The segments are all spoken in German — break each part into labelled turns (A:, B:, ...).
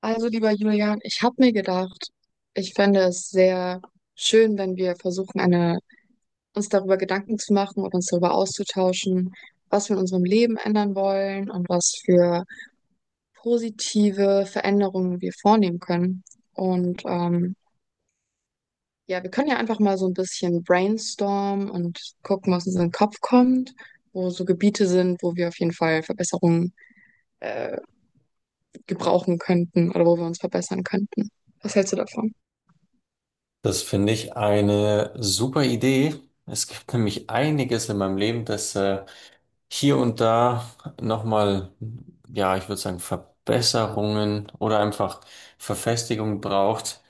A: Also, lieber Julian, ich habe mir gedacht, ich fände es sehr schön, wenn wir versuchen, eine, uns darüber Gedanken zu machen und uns darüber auszutauschen, was wir in unserem Leben ändern wollen und was für positive Veränderungen wir vornehmen können. Und ja, wir können ja einfach mal so ein bisschen brainstormen und gucken, was uns in den Kopf kommt, wo so Gebiete sind, wo wir auf jeden Fall Verbesserungen äh, gebrauchen könnten oder wo wir uns verbessern könnten. Was hältst du davon?
B: Das finde ich eine super Idee. Es gibt nämlich einiges in meinem Leben, das hier und da nochmal, ja, ich würde sagen, Verbesserungen oder einfach Verfestigung braucht.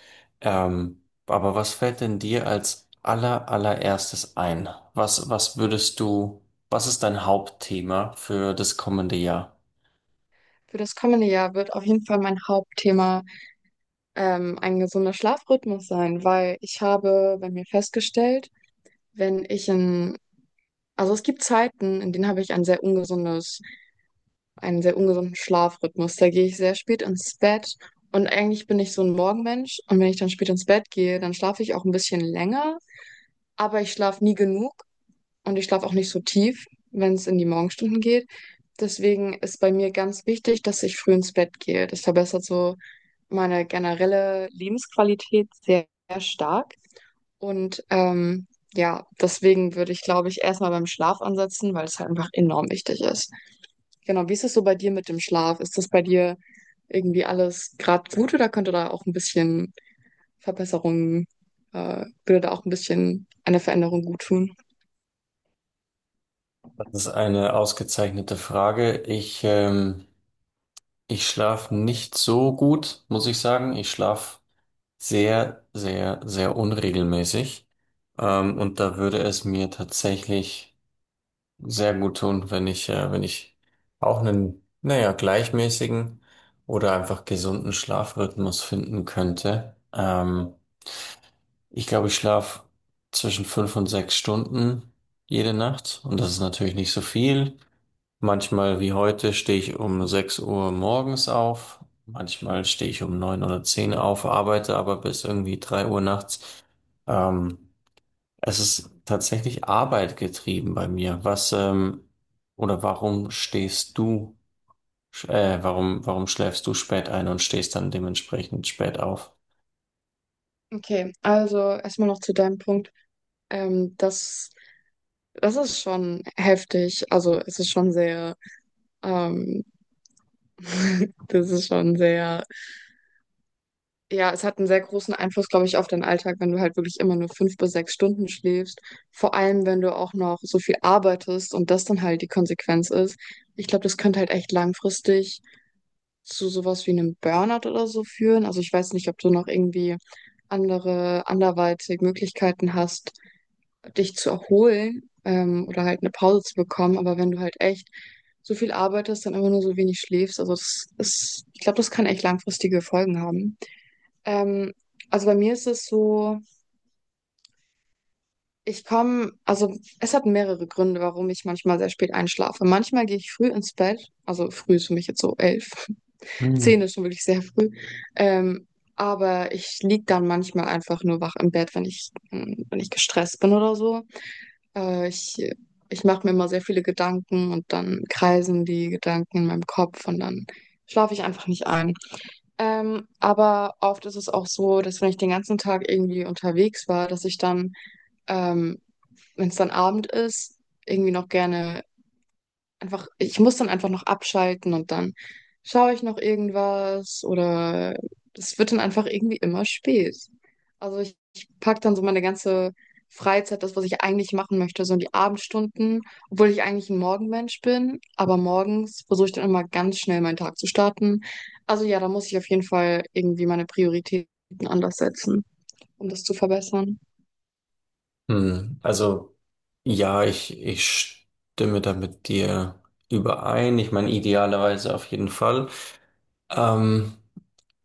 B: Aber was fällt denn dir als allererstes ein? Was würdest du, was ist dein Hauptthema für das kommende Jahr?
A: Für das kommende Jahr wird auf jeden Fall mein Hauptthema ein gesunder Schlafrhythmus sein, weil ich habe bei mir festgestellt, wenn ich in, also es gibt Zeiten, in denen habe ich ein sehr ungesundes, einen sehr ungesunden Schlafrhythmus. Da gehe ich sehr spät ins Bett und eigentlich bin ich so ein Morgenmensch und wenn ich dann spät ins Bett gehe, dann schlafe ich auch ein bisschen länger, aber ich schlafe nie genug und ich schlafe auch nicht so tief, wenn es in die Morgenstunden geht. Deswegen ist bei mir ganz wichtig, dass ich früh ins Bett gehe. Das verbessert so meine generelle Lebensqualität sehr, sehr stark. Und ja, deswegen würde ich, glaube ich, erstmal beim Schlaf ansetzen, weil es halt einfach enorm wichtig ist. Genau, wie ist es so bei dir mit dem Schlaf? Ist das bei dir irgendwie alles gerade gut oder könnte da auch ein bisschen Verbesserungen, würde da auch ein bisschen eine Veränderung gut tun?
B: Das ist eine ausgezeichnete Frage. Ich schlafe nicht so gut, muss ich sagen. Ich schlafe sehr, sehr, sehr unregelmäßig. Und da würde es mir tatsächlich sehr gut tun, wenn ich auch einen, naja, gleichmäßigen oder einfach gesunden Schlafrhythmus finden könnte. Ich glaube, ich schlafe zwischen 5 und 6 Stunden jede Nacht. Und das ist natürlich nicht so viel. Manchmal wie heute stehe ich um 6 Uhr morgens auf, manchmal stehe ich um 9 oder 10 auf, arbeite aber bis irgendwie 3 Uhr nachts. Ähm, Es ist tatsächlich Arbeit getrieben bei mir. Was, oder warum stehst du, sch- Warum schläfst du spät ein und stehst dann dementsprechend spät auf?
A: Okay, also erstmal noch zu deinem Punkt. Ähm, das, das ist schon heftig. Also es ist schon sehr ähm, Das ist schon sehr, ja, es hat einen sehr großen Einfluss, glaube ich, auf deinen Alltag, wenn du halt wirklich immer nur 5 bis 6 Stunden schläfst. Vor allem, wenn du auch noch so viel arbeitest und das dann halt die Konsequenz ist. Ich glaube, das könnte halt echt langfristig zu sowas wie einem Burnout oder so führen. Also ich weiß nicht, ob du noch irgendwie andere, anderweitig Möglichkeiten hast, dich zu erholen, oder halt eine Pause zu bekommen. Aber wenn du halt echt so viel arbeitest, dann immer nur so wenig schläfst, also das ist, ich glaube, das kann echt langfristige Folgen haben. Ähm, also bei mir ist es so, ich komme, also es hat mehrere Gründe, warum ich manchmal sehr spät einschlafe. Manchmal gehe ich früh ins Bett, also früh ist für mich jetzt so elf,
B: Hm.
A: zehn ist schon wirklich sehr früh. Ähm, aber ich lieg dann manchmal einfach nur wach im Bett, wenn ich, wenn ich gestresst bin oder so. Äh, ich ich mache mir immer sehr viele Gedanken und dann kreisen die Gedanken in meinem Kopf und dann schlafe ich einfach nicht ein. Aber oft ist es auch so, dass wenn ich den ganzen Tag irgendwie unterwegs war, dass ich dann, ähm, wenn es dann Abend ist, irgendwie noch gerne einfach, ich muss dann einfach noch abschalten und dann schaue ich noch irgendwas oder es wird dann einfach irgendwie immer spät. Also ich packe dann so meine ganze Freizeit, das, was ich eigentlich machen möchte, so in die Abendstunden, obwohl ich eigentlich ein Morgenmensch bin, aber morgens versuche ich dann immer ganz schnell meinen Tag zu starten. Also ja, da muss ich auf jeden Fall irgendwie meine Prioritäten anders setzen, um das zu verbessern.
B: Hm, also ja, ich stimme da mit dir überein. Ich meine, idealerweise auf jeden Fall. Ähm,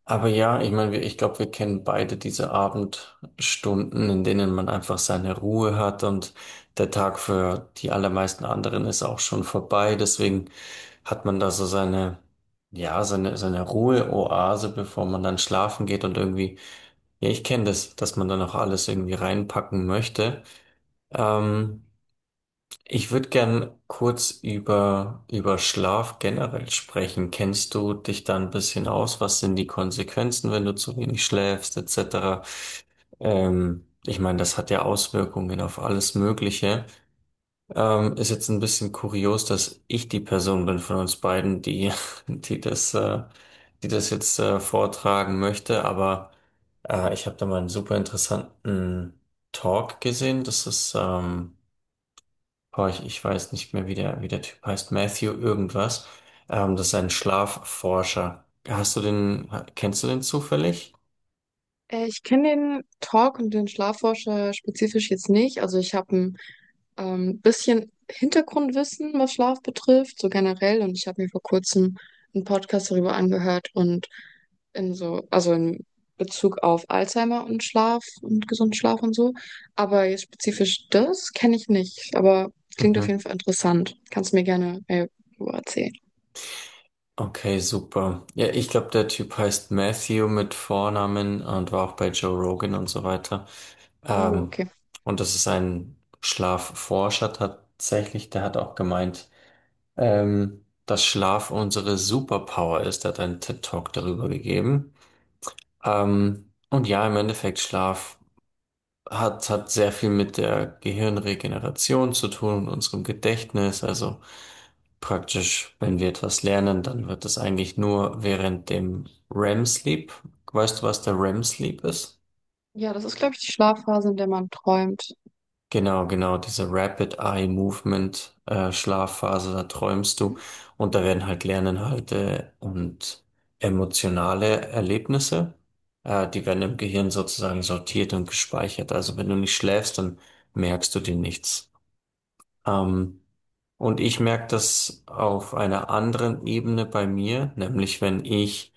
B: Aber ja, ich meine, ich glaube, wir kennen beide diese Abendstunden, in denen man einfach seine Ruhe hat und der Tag für die allermeisten anderen ist auch schon vorbei. Deswegen hat man da so seine, ja, seine Ruheoase, bevor man dann schlafen geht und irgendwie, ja, ich kenne das, dass man dann auch alles irgendwie reinpacken möchte. Ähm, Ich würde gern kurz über Schlaf generell sprechen. Kennst du dich da ein bisschen aus? Was sind die Konsequenzen, wenn du zu wenig schläfst, etc.? Ich meine, das hat ja Auswirkungen auf alles Mögliche. Ist jetzt ein bisschen kurios, dass ich die Person bin von uns beiden, die, die das, äh, die das jetzt vortragen möchte, aber ich habe da mal einen super interessanten Talk gesehen. Das ist Boah, ich weiß nicht mehr, wie der Typ heißt. Matthew irgendwas. Das ist ein Schlafforscher. Hast du den, ha- kennst du den zufällig?
A: Ich kenne den Talk und den Schlafforscher spezifisch jetzt nicht. Also ich habe ein bisschen Hintergrundwissen, was Schlaf betrifft, so generell. Und ich habe mir vor kurzem einen Podcast darüber angehört und in so, also in Bezug auf Alzheimer und Schlaf und gesunden Schlaf und so. Aber jetzt spezifisch das kenne ich nicht. Aber klingt auf
B: Mhm.
A: jeden Fall interessant. Kannst du mir gerne mehr darüber erzählen.
B: Okay, super. Ja, ich glaube, der Typ heißt Matthew mit Vornamen und war auch bei Joe Rogan und so weiter.
A: Oh,
B: Ähm,
A: okay.
B: und das ist ein Schlafforscher tatsächlich. Der hat auch gemeint, dass Schlaf unsere Superpower ist. Der hat einen TED-Talk darüber gegeben. Und ja, im Endeffekt Schlaf hat sehr viel mit der Gehirnregeneration zu tun und unserem Gedächtnis. Also praktisch, wenn wir etwas lernen, dann wird das eigentlich nur während dem REM-Sleep. Weißt du, was der REM-Sleep ist?
A: Ja, das ist, glaube ich, die Schlafphase, in der man träumt.
B: Genau, genau, diese Rapid Eye Movement Schlafphase, da träumst du und da werden halt Lerninhalte und emotionale Erlebnisse, die werden im Gehirn sozusagen sortiert und gespeichert. Also wenn du nicht schläfst, dann merkst du dir nichts. Ähm, und ich merke das auf einer anderen Ebene bei mir, nämlich wenn ich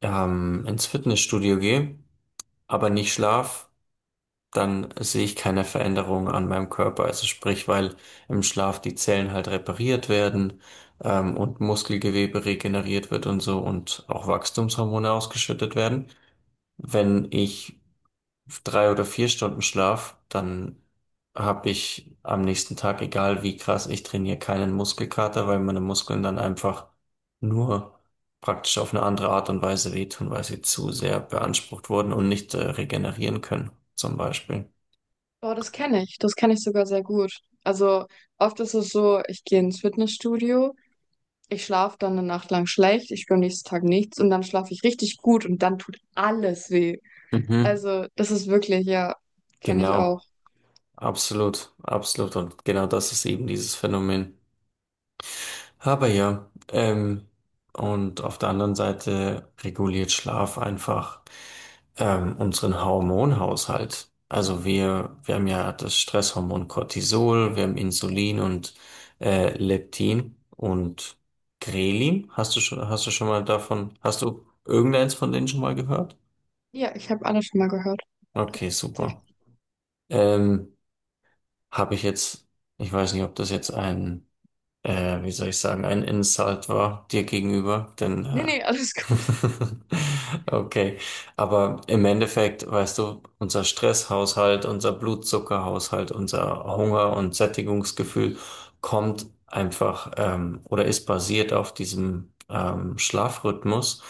B: ins Fitnessstudio gehe, aber nicht schlaf, dann sehe ich keine Veränderung an meinem Körper. Also sprich, weil im Schlaf die Zellen halt repariert werden, und Muskelgewebe regeneriert wird und so und auch Wachstumshormone ausgeschüttet werden. Wenn ich 3 oder 4 Stunden Schlaf, dann habe ich am nächsten Tag, egal wie krass ich trainiere, keinen Muskelkater, weil meine Muskeln dann einfach nur praktisch auf eine andere Art und Weise wehtun, weil sie zu sehr beansprucht wurden und nicht regenerieren können, zum Beispiel.
A: Boah, das kenne ich. Das kenne ich sogar sehr gut. Also oft ist es so, ich gehe ins Fitnessstudio, ich schlafe dann eine Nacht lang schlecht, ich spüre am nächsten Tag nichts und dann schlafe ich richtig gut und dann tut alles weh.
B: Mhm.
A: Also das ist wirklich, ja, kenne ich auch.
B: Genau, absolut, absolut. Und genau das ist eben dieses Phänomen. Aber ja, und auf der anderen Seite reguliert Schlaf einfach unseren Hormonhaushalt. Also wir haben ja das Stresshormon Cortisol, wir haben Insulin und Leptin und Ghrelin. Hast du irgendeins von denen schon mal gehört?
A: Ja, ich habe alles schon mal gehört.
B: Okay, super.
A: Tatsächlich.
B: Ähm, habe ich jetzt, ich weiß nicht, ob das jetzt ein wie soll ich sagen, ein Insult war dir gegenüber, denn
A: Nee, nee, alles gut.
B: okay, aber im Endeffekt, weißt du, unser Stresshaushalt, unser Blutzuckerhaushalt, unser Hunger- und Sättigungsgefühl kommt einfach, oder ist basiert auf diesem Schlafrhythmus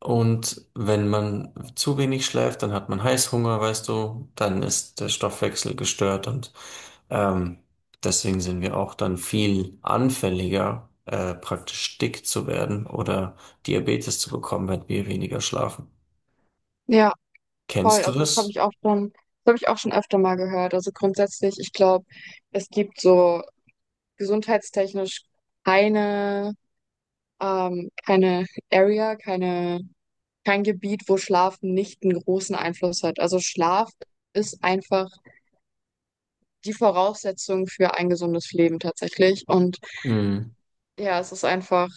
B: und wenn man zu wenig schläft, dann hat man Heißhunger, weißt du, dann ist der Stoffwechsel gestört und ähm, deswegen sind wir auch dann viel anfälliger, praktisch dick zu werden oder Diabetes zu bekommen, wenn wir weniger schlafen.
A: Ja, voll.
B: Kennst du
A: Also das habe
B: das?
A: ich auch schon, das habe ich auch schon öfter mal gehört. Also grundsätzlich, ich glaube, es gibt so gesundheitstechnisch keine, keine Area, keine. Kein Gebiet, wo Schlaf nicht einen großen Einfluss hat. Also Schlaf ist einfach die Voraussetzung für ein gesundes Leben tatsächlich. Und
B: Mhm.
A: ja, es ist einfach,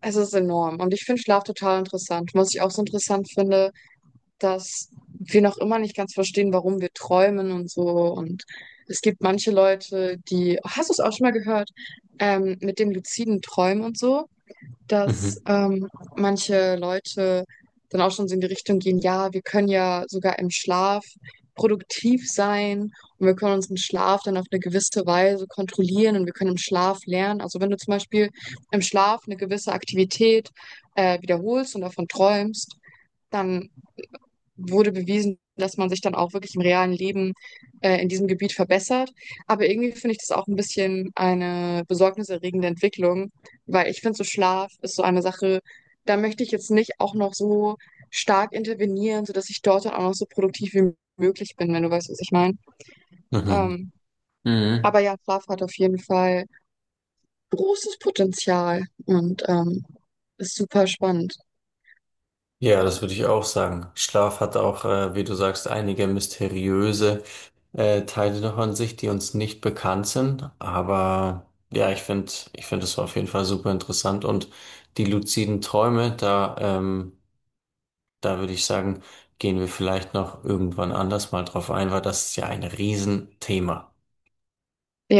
A: es ist enorm. Und ich finde Schlaf total interessant. Was ich auch so interessant finde, dass wir noch immer nicht ganz verstehen, warum wir träumen und so. Und es gibt manche Leute, die, hast du es auch schon mal gehört, mit dem luziden Träumen und so? dass
B: Mhm.
A: ähm, manche Leute dann auch schon so in die Richtung gehen, ja, wir können ja sogar im Schlaf produktiv sein und wir können unseren Schlaf dann auf eine gewisse Weise kontrollieren und wir können im Schlaf lernen. Also wenn du zum Beispiel im Schlaf eine gewisse Aktivität wiederholst und davon träumst, dann wurde bewiesen, dass man sich dann auch wirklich im realen Leben in diesem Gebiet verbessert. Aber irgendwie finde ich das auch ein bisschen eine besorgniserregende Entwicklung, weil ich finde, so Schlaf ist so eine Sache, da möchte ich jetzt nicht auch noch so stark intervenieren, sodass ich dort dann auch noch so produktiv wie möglich bin, wenn du weißt, was ich meine.
B: Mhm.
A: Ähm,
B: Mhm.
A: aber ja, Schlaf hat auf jeden Fall großes Potenzial und ist super spannend.
B: Ja, das würde ich auch sagen. Schlaf hat auch, wie du sagst, einige mysteriöse Teile davon sich, die uns nicht bekannt sind. Aber ja, ich finde, es war auf jeden Fall super interessant. Und die luziden Träume, da würde ich sagen, gehen wir vielleicht noch irgendwann anders mal drauf ein, weil das ist ja ein Riesenthema.
A: Ja.